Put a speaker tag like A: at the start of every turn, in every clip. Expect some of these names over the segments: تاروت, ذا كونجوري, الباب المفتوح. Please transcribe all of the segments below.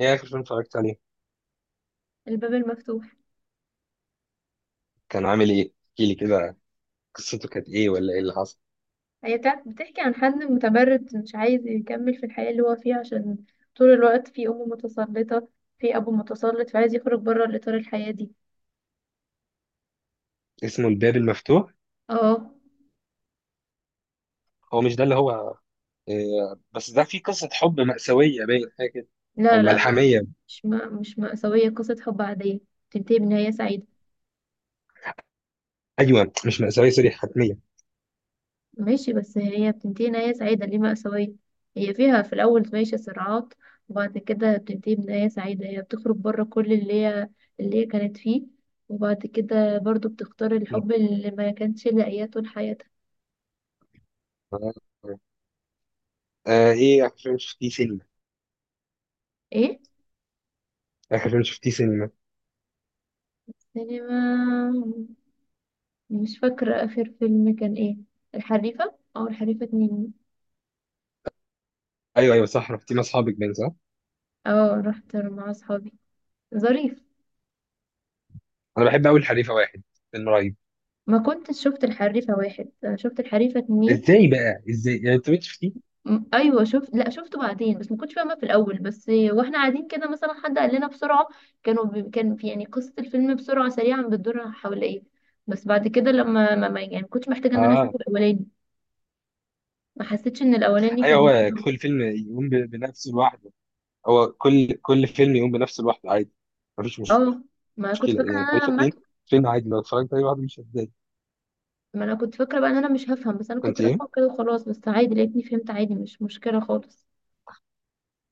A: ايه اخر فيلم اتفرجت عليه؟
B: الباب المفتوح.
A: كان عامل ايه؟ احكي لي كده. قصته كانت ايه ولا ايه اللي حصل؟
B: هي بتحكي عن حد متمرد مش عايز يكمل في الحياة اللي هو فيها، عشان طول الوقت في أم متسلطة، في أبو متسلط، فعايز يخرج بره الإطار الحياة دي.
A: اسمه الباب المفتوح.
B: اه،
A: هو مش ده اللي هو؟ إيه؟ بس ده فيه قصة حب مأساوية، باين حاجة كده، او
B: لا لا،
A: ملحمية.
B: مش مأساوية، قصة حب عادية بتنتهي بنهاية سعيدة.
A: ايوه، مش مأساوية، سوري، حتمية.
B: ماشي، بس هي بتنتهي نهاية سعيدة، ليه مأساوية؟ هي فيها في الأول ماشي صراعات، وبعد كده بتنتهي بنهاية سعيدة، هي بتخرج بره كل اللي هي كانت فيه، وبعد كده برضو بتختار الحب اللي ما كانش لاقياه طول حياتها.
A: آه. آه، ايه اخر فيلم شفتيه سينما؟
B: ايه؟
A: اخر فيلم شفتيه سينما.
B: السينما، مش فاكرة آخر فيلم كان ايه. الحريفة او الحريفة اتنين.
A: ايوه ايوه، صح، رحتيه مع اصحابك باين، صح؟
B: اه، رحت مع اصحابي، ظريف.
A: انا بحب قوي الحريفة 1. فيلم رهيب.
B: ما كنتش شفت الحريفة واحد، أنا شفت الحريفة اتنين.
A: ازاي بقى؟ ازاي يعني انت مش شفتيه؟
B: ايوه شفت، لا شفته بعدين، بس ما كنتش فاهمة في الاول. بس واحنا قاعدين كده مثلا حد قال لنا بسرعة، كان في يعني قصة الفيلم بسرعة سريعا بتدور حول ايه. بس بعد كده لما يعني ما كنتش محتاجة ان انا
A: اه.
B: اشوف الاولاني. ما حسيتش ان الاولاني
A: ايوه،
B: كان.
A: هو كل فيلم يقوم بنفسه لوحده. هو كل فيلم يقوم بنفسه لوحده، عادي. مفيش
B: اه، ما كنت
A: مشكله،
B: فاكره
A: يعني
B: إن انا
A: خليفه اتنين فيلم عادي، لو اتفرجت عليه لوحده مش هتضايق.
B: ما انا كنت فاكره بقى ان انا مش هفهم، بس انا
A: كنت
B: كنت
A: ايه؟
B: رايحه كده وخلاص، بس عادي لقيتني فهمت عادي، مش مشكله خالص.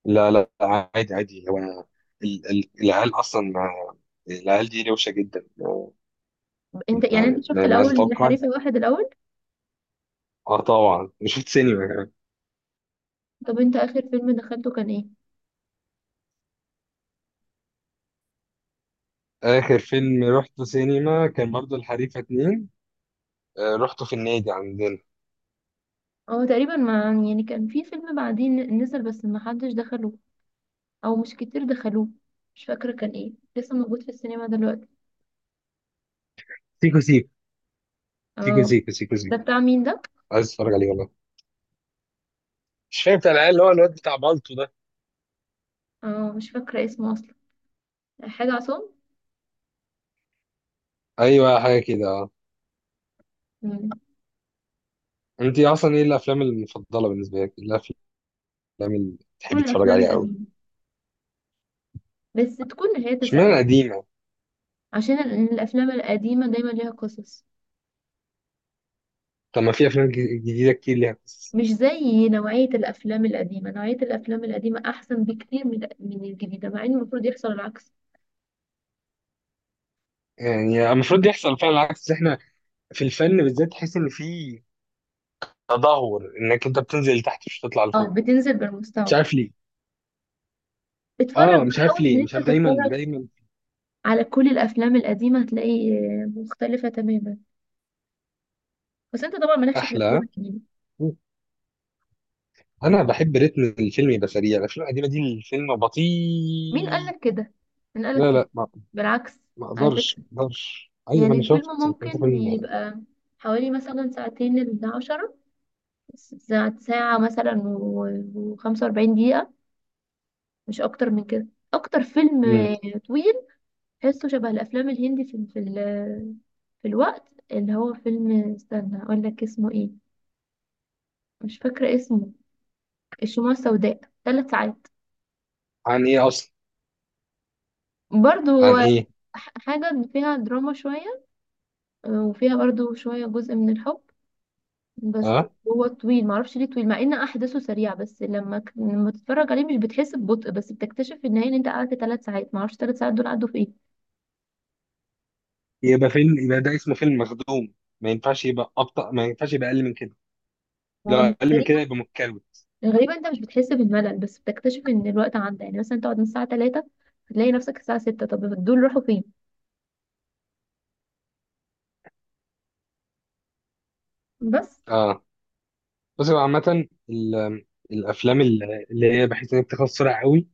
A: لا لا، عادي عادي، العيال اصلا يعني العيال دي روشه جدا.
B: انت يعني انت شفت
A: ما عايز
B: الاول
A: اتوقع.
B: حريفه واحد الاول؟
A: اه طبعا، شفت سينما كمان.
B: طب انت اخر فيلم دخلته كان ايه؟
A: اخر فيلم رحته سينما كان برضه الحريفه 2. آه، رحته في النادي عندنا.
B: هو تقريبا، ما يعني كان في فيلم بعدين نزل بس ما حدش دخله، او مش كتير دخلوه، مش فاكره كان ايه. لسه موجود في السينما دلوقتي.
A: سيكو سيكو سيكو
B: اه.
A: سيكو. سيكو
B: ده
A: سيكو.
B: بتاع مين ده؟
A: عايز اتفرج عليه، والله. مش فاهم بتاع العيال، اللي هو الواد بتاع بالطو ده.
B: اه، مش فاكره اسمه اصلا، حاجه عصام.
A: ايوه حاجه كده، اه.
B: مم.
A: انت اصلا، ايه الافلام المفضله بالنسبه لك؟ إيه الافلام اللي بتحب
B: كل
A: تتفرج
B: الافلام
A: عليها قوي؟
B: القديمه، بس تكون نهايتها
A: اشمعنى
B: سعيده.
A: قديمة؟
B: عشان الافلام القديمه دايما ليها قصص.
A: طب ما في أفلام جديدة كتير ليها قصص.
B: مش زي نوعية الأفلام القديمة، نوعية الأفلام القديمة أحسن بكتير من الجديدة، مع إن المفروض يحصل العكس.
A: يعني المفروض يحصل فعلا العكس. إحنا في الفن بالذات تحس إن في تدهور، إنك أنت بتنزل لتحت مش بتطلع
B: أو
A: لفوق.
B: بتنزل
A: مش
B: بالمستوى.
A: عارف ليه.
B: اتفرج
A: آه، مش عارف
B: وحاول إن
A: ليه، مش
B: أنت
A: عارف، دايما
B: تتفرج
A: دايما.
B: على كل الأفلام القديمة، هتلاقي آه، مختلفة تماما. بس أنت طبعا مالكش في الأفلام
A: أحلى.
B: القديمة.
A: أنا بحب رتم الفيلم يبقى سريع، الأفلام القديمة دي الفيلم
B: مين
A: بطيء.
B: قالك كده؟ مين قالك
A: لا
B: كده؟
A: لا، ما
B: بالعكس.
A: ما
B: على فكرة،
A: أقدرش ما أقدرش أيوة، ما
B: يعني
A: أنا شفت
B: الفيلم
A: شفت
B: ممكن
A: فيلم.
B: يبقى حوالي مثلا ساعتين إلى 10 ساعة مثلا وخمسة وأربعين دقيقة، مش أكتر من كده. أكتر فيلم
A: مم.
B: آه، طويل تحسه شبه الافلام الهندي في في الوقت اللي هو فيلم، استنى اقول لك اسمه ايه، مش فاكره اسمه، الشموع السوداء، 3 ساعات
A: عن إيه أصلا؟
B: برضو.
A: عن إيه؟
B: حاجه فيها دراما شويه، وفيها برضو شويه جزء من الحب بس.
A: آه.
B: هو طويل معرفش ليه طويل، مع ان احداثه سريعه، بس لما لما تتفرج عليه مش بتحس ببطء، بس بتكتشف في النهايه ان انت قعدت 3 ساعات، معرفش 3 ساعات دول عدوا في ايه.
A: يبقى فيلم، يبقى ده اسمه فيلم مخدوم. ما ينفعش يبقى أبطأ، ما ينفعش يبقى أقل من كده. لو
B: هو
A: اقل من كده يبقى متكروت.
B: غريبة انت مش بتحس بالملل، بس بتكتشف ان الوقت عدى، يعني مثلا تقعد من الساعة 3 هتلاقي نفسك الساعة 6، طب دول راحوا فين؟ بس.
A: اه، بس هو عامة الافلام اللي هي بحيث ان هي بتخلص بسرعة قوي.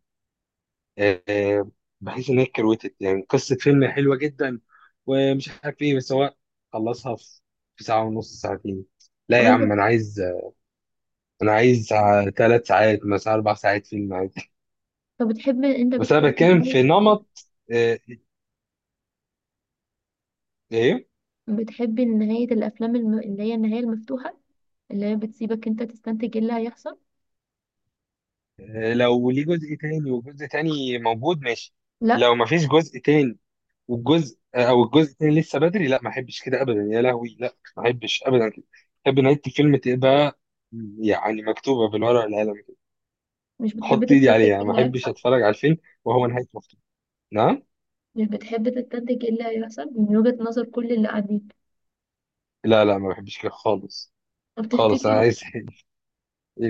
A: آه، بحيث ان هي كروتت. يعني قصة فيلم حلوة جدا ومش عارف ايه، بس هو خلصها في ساعة ونص، ساعتين. لا
B: طب
A: يا
B: انت،
A: عم، انا عايز 3 ساعات مثلا، 4 ساعات، فيلم عادي.
B: طب
A: بس انا بتكلم في نمط. آه، ايه.
B: بتحب نهاية الافلام اللي هي النهاية المفتوحة، اللي هي بتسيبك انت تستنتج ايه اللي هيحصل.
A: آه، لو ليه جزء تاني وجزء تاني موجود، ماشي.
B: لا.
A: لو مفيش جزء تاني، والجزء آه، او الجزء الثاني لسه بدري، لا ما احبش كده ابدا، يا لهوي، لا ما احبش ابدا كده. احب نهايه الفيلم تبقى، يعني، مكتوبه بالورقه والقلم كده.
B: مش بتحب
A: احط ايدي
B: تستنتج
A: عليها،
B: ايه
A: ما
B: اللي
A: احبش
B: هيحصل؟
A: اتفرج على الفيلم وهو نهايته مكتوبه. نعم.
B: مش بتحب تستنتج ايه اللي هيحصل من وجهة نظر كل اللي قاعدين؟
A: لا لا، ما بحبش كده خالص.
B: طب
A: خالص انا
B: تفتكر
A: عايز،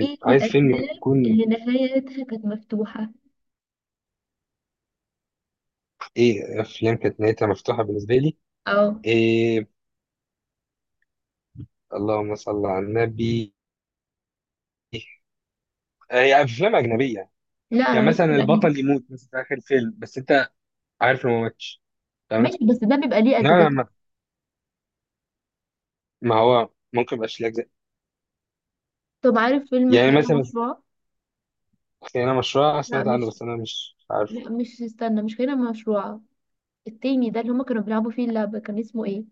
B: ايه
A: عايز فيلم
B: الافلام
A: يكون،
B: اللي نهايتها كانت مفتوحة؟
A: ايه افلام كانت نهايتها مفتوحه بالنسبه لي؟
B: اه.
A: إيه. اللهم صل على النبي. آه، هي افلام اجنبيه.
B: لا انا
A: يعني
B: ماليش في
A: مثلا
B: الاجنبي.
A: البطل يموت مثلا في اخر الفيلم، بس انت عارف انه ما ماتش. تمام.
B: ماشي بس ده بيبقى ليه اجزاء.
A: نعم. ما هو ممكن ميبقاش ليه أجزاء.
B: طب عارف فيلم
A: يعني
B: خيانة
A: مثلا،
B: مشروعة؟
A: خيانة مشروع
B: لا
A: سمعت عنه
B: مش
A: بس أنا مش عارف.
B: لا مش استنى، مش خيانة مشروعة، التاني ده اللي هما كانوا بيلعبوا فيه اللعبة، كان اسمه ايه؟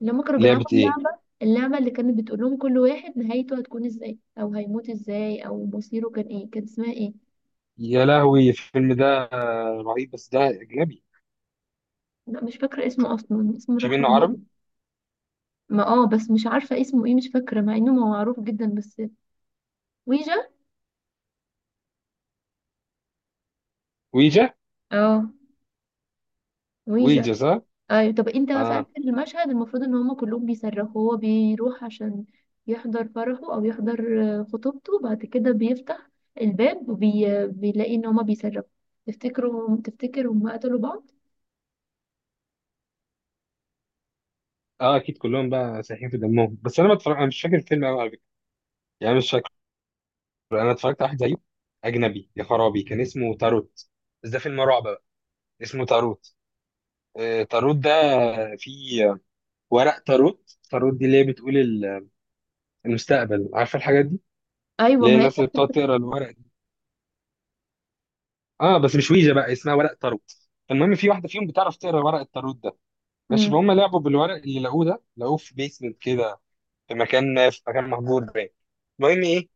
B: اللي هما كانوا
A: لعبة
B: بيلعبوا
A: إيه؟
B: اللعبة، اللعبة اللي كانت بتقول لهم كل واحد نهايته هتكون ازاي او هيموت ازاي او مصيره كان ايه، كان اسمها ايه؟
A: يا لهوي الفيلم ده رهيب، بس ده أجنبي.
B: لا مش فاكرة اسمه اصلا، اسمه
A: في
B: الرحمن
A: منه عربي؟
B: بود. ما اه، بس مش عارفة اسمه ايه، مش فاكرة مع انه معروف جدا، بس ويجا.
A: ويجا.
B: اه، ويجا.
A: ويجا، صح؟
B: ايوه، طب انت بقى في اخر
A: آه.
B: المشهد المفروض ان هما كلهم بيصرخوا، هو بيروح عشان يحضر فرحه، او يحضر آه، خطوبته، وبعد كده بيفتح الباب وبيلاقي ان هما بيصرخوا، تفتكروا تفتكر هما قتلوا بعض؟
A: آه أكيد، كلهم بقى سايحين في دمهم. بس أنا ما اتفرج... أنا مش فاكر الفيلم أوي على فكرة. يعني مش فاكر. أنا اتفرجت على واحد زيه أجنبي، يا خرابي، كان اسمه تاروت. بس ده فيلم رعب بقى. اسمه تاروت. آه، تاروت ده. في ورق تاروت. تاروت دي اللي هي بتقول المستقبل، عارفة الحاجات دي؟
B: ايوه،
A: اللي هي
B: ما هي.
A: الناس اللي بتقعد تقرا الورق. اه بس مش ويجا بقى، اسمها ورق تاروت. المهم، في واحده فيهم بتعرف تقرا ورق التاروت ده. ماشي،
B: مم.
A: فهم لعبوا بالورق اللي لقوه ده، لقوه في بيسمنت كده، في مكان مهجور باين. المهم ايه؟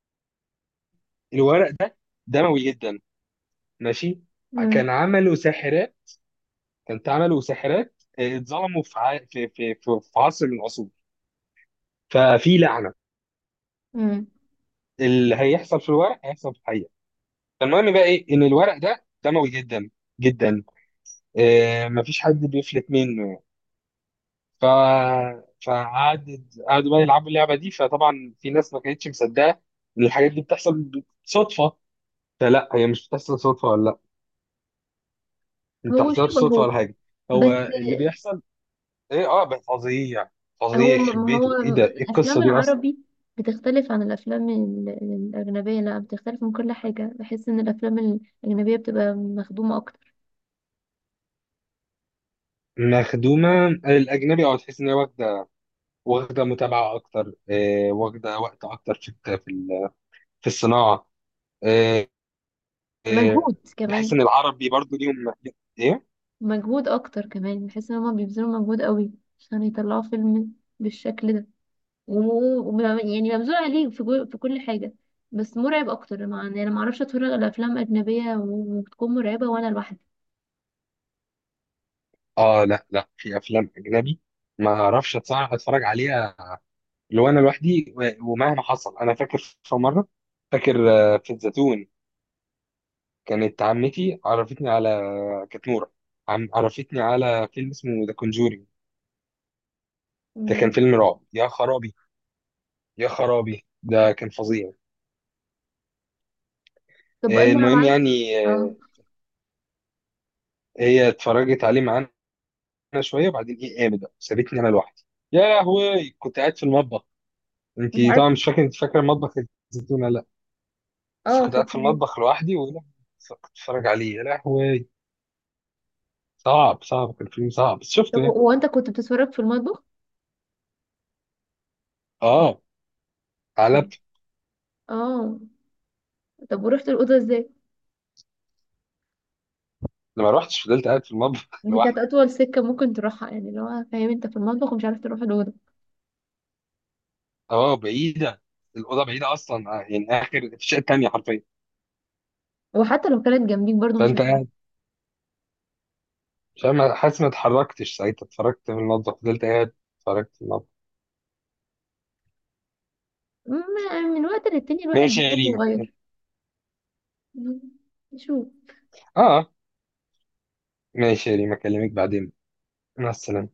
A: الورق ده دموي جدا. ماشي.
B: مم.
A: كان عملوا ساحرات كانت عملوا ساحرات، اتظلموا في ع... في في في في عصر من العصور. ففي لعنه.
B: مم.
A: اللي هيحصل في الورق هيحصل في الحقيقه. فالمهم بقى ايه، ان الورق ده دموي جدا، جدا. آه، مفيش حد بيفلت منه. ف فقعد قعدوا بقى يلعبوا اللعبه دي. فطبعا في ناس ما كانتش مصدقه ان الحاجات دي بتحصل صدفه. فلا، هي مش بتحصل صدفه، ولا لا، ما
B: هو
A: بتحصلش صدفه
B: شبهه
A: ولا حاجه، هو
B: بس.
A: اللي بيحصل. ايه، اه، بقى فظيع يعني. فظيع
B: هو
A: يخرب
B: ما هو
A: بيته، ايه ده، ايه القصه
B: الافلام
A: دي اصلا؟
B: العربي بتختلف عن الافلام الاجنبيه، لا بتختلف من كل حاجه، بحس ان الافلام الاجنبيه بتبقى مخدومه اكتر.
A: مخدومه الاجنبي، اه، تحس ان هي واخده، واخده متابعه اكتر، آه، واخده وقت اكتر في الت- في ال- في الصناعه. آه. آه.
B: مجهود
A: بحس
B: كمان،
A: ان العربي برضو ليهم، ايه.
B: مجهود اكتر كمان، بحس ان هما بيبذلوا مجهود قوي عشان يطلعوا فيلم بالشكل ده، يعني مبذول عليه في، في كل حاجه. بس مرعب اكتر، مع يعني انا ما اعرفش اتفرج على افلام اجنبيه وتكون مرعبه وانا لوحدي.
A: اه لا لا، في افلام اجنبي ما اعرفش اتفرج عليها لو انا لوحدي، ومهما حصل. انا فاكر في مره، فاكر، آه، في الزيتون. كانت عمتي عرفتني على، آه، كانت نوره، عرفتني على فيلم اسمه ذا كونجوري. ده كان
B: مم.
A: فيلم رعب، يا خرابي، يا خرابي ده كان فظيع.
B: طب
A: آه،
B: انا لو
A: المهم
B: عايز.
A: يعني،
B: اه
A: آه، هي اتفرجت عليه معانا شويه، وبعدين ايه قامت بقى سابتني انا لوحدي. يا لهوي كنت قاعد في المطبخ.
B: مش
A: انت
B: عارف.
A: طبعا مش فاكر انت فاكره المطبخ، الزيتون. بس
B: اه
A: كنت قاعد في
B: فاكره ايه.
A: المطبخ لوحدي، ولا كنت بتفرج عليه، يا لهوي. صعب صعب، كان فيلم صعب، بس
B: طب
A: شفته يعني.
B: هو انت كنت بتتفرج في المطبخ.
A: اه.
B: طب،
A: قلبت.
B: اه، طب ورحت الاوضه ازاي؟
A: لما روحتش، فضلت قاعد في المطبخ
B: دي كانت
A: لوحدي.
B: اطول سكه ممكن تروحها، يعني لو فاهم، انت في المطبخ ومش عارف تروح الاوضه.
A: اه بعيده، الاوضه بعيده اصلا، آه، يعني اخر في الشقه التانيه حرفيا.
B: وحتى لو كانت جنبيك برضو مش
A: فانت
B: هتعرف.
A: قاعد مش عارف- حاسس، ما اتحركتش ساعتها، اتفرجت في المطبخ، فضلت قاعد اتفرجت في المطبخ.
B: ما- من وقت للتاني الواحد
A: ماشي يا
B: بيحب
A: ريما.
B: يغير. مم. يشوف.
A: اه. ماشي يا ريما، اكلمك بعدين. مع السلامه.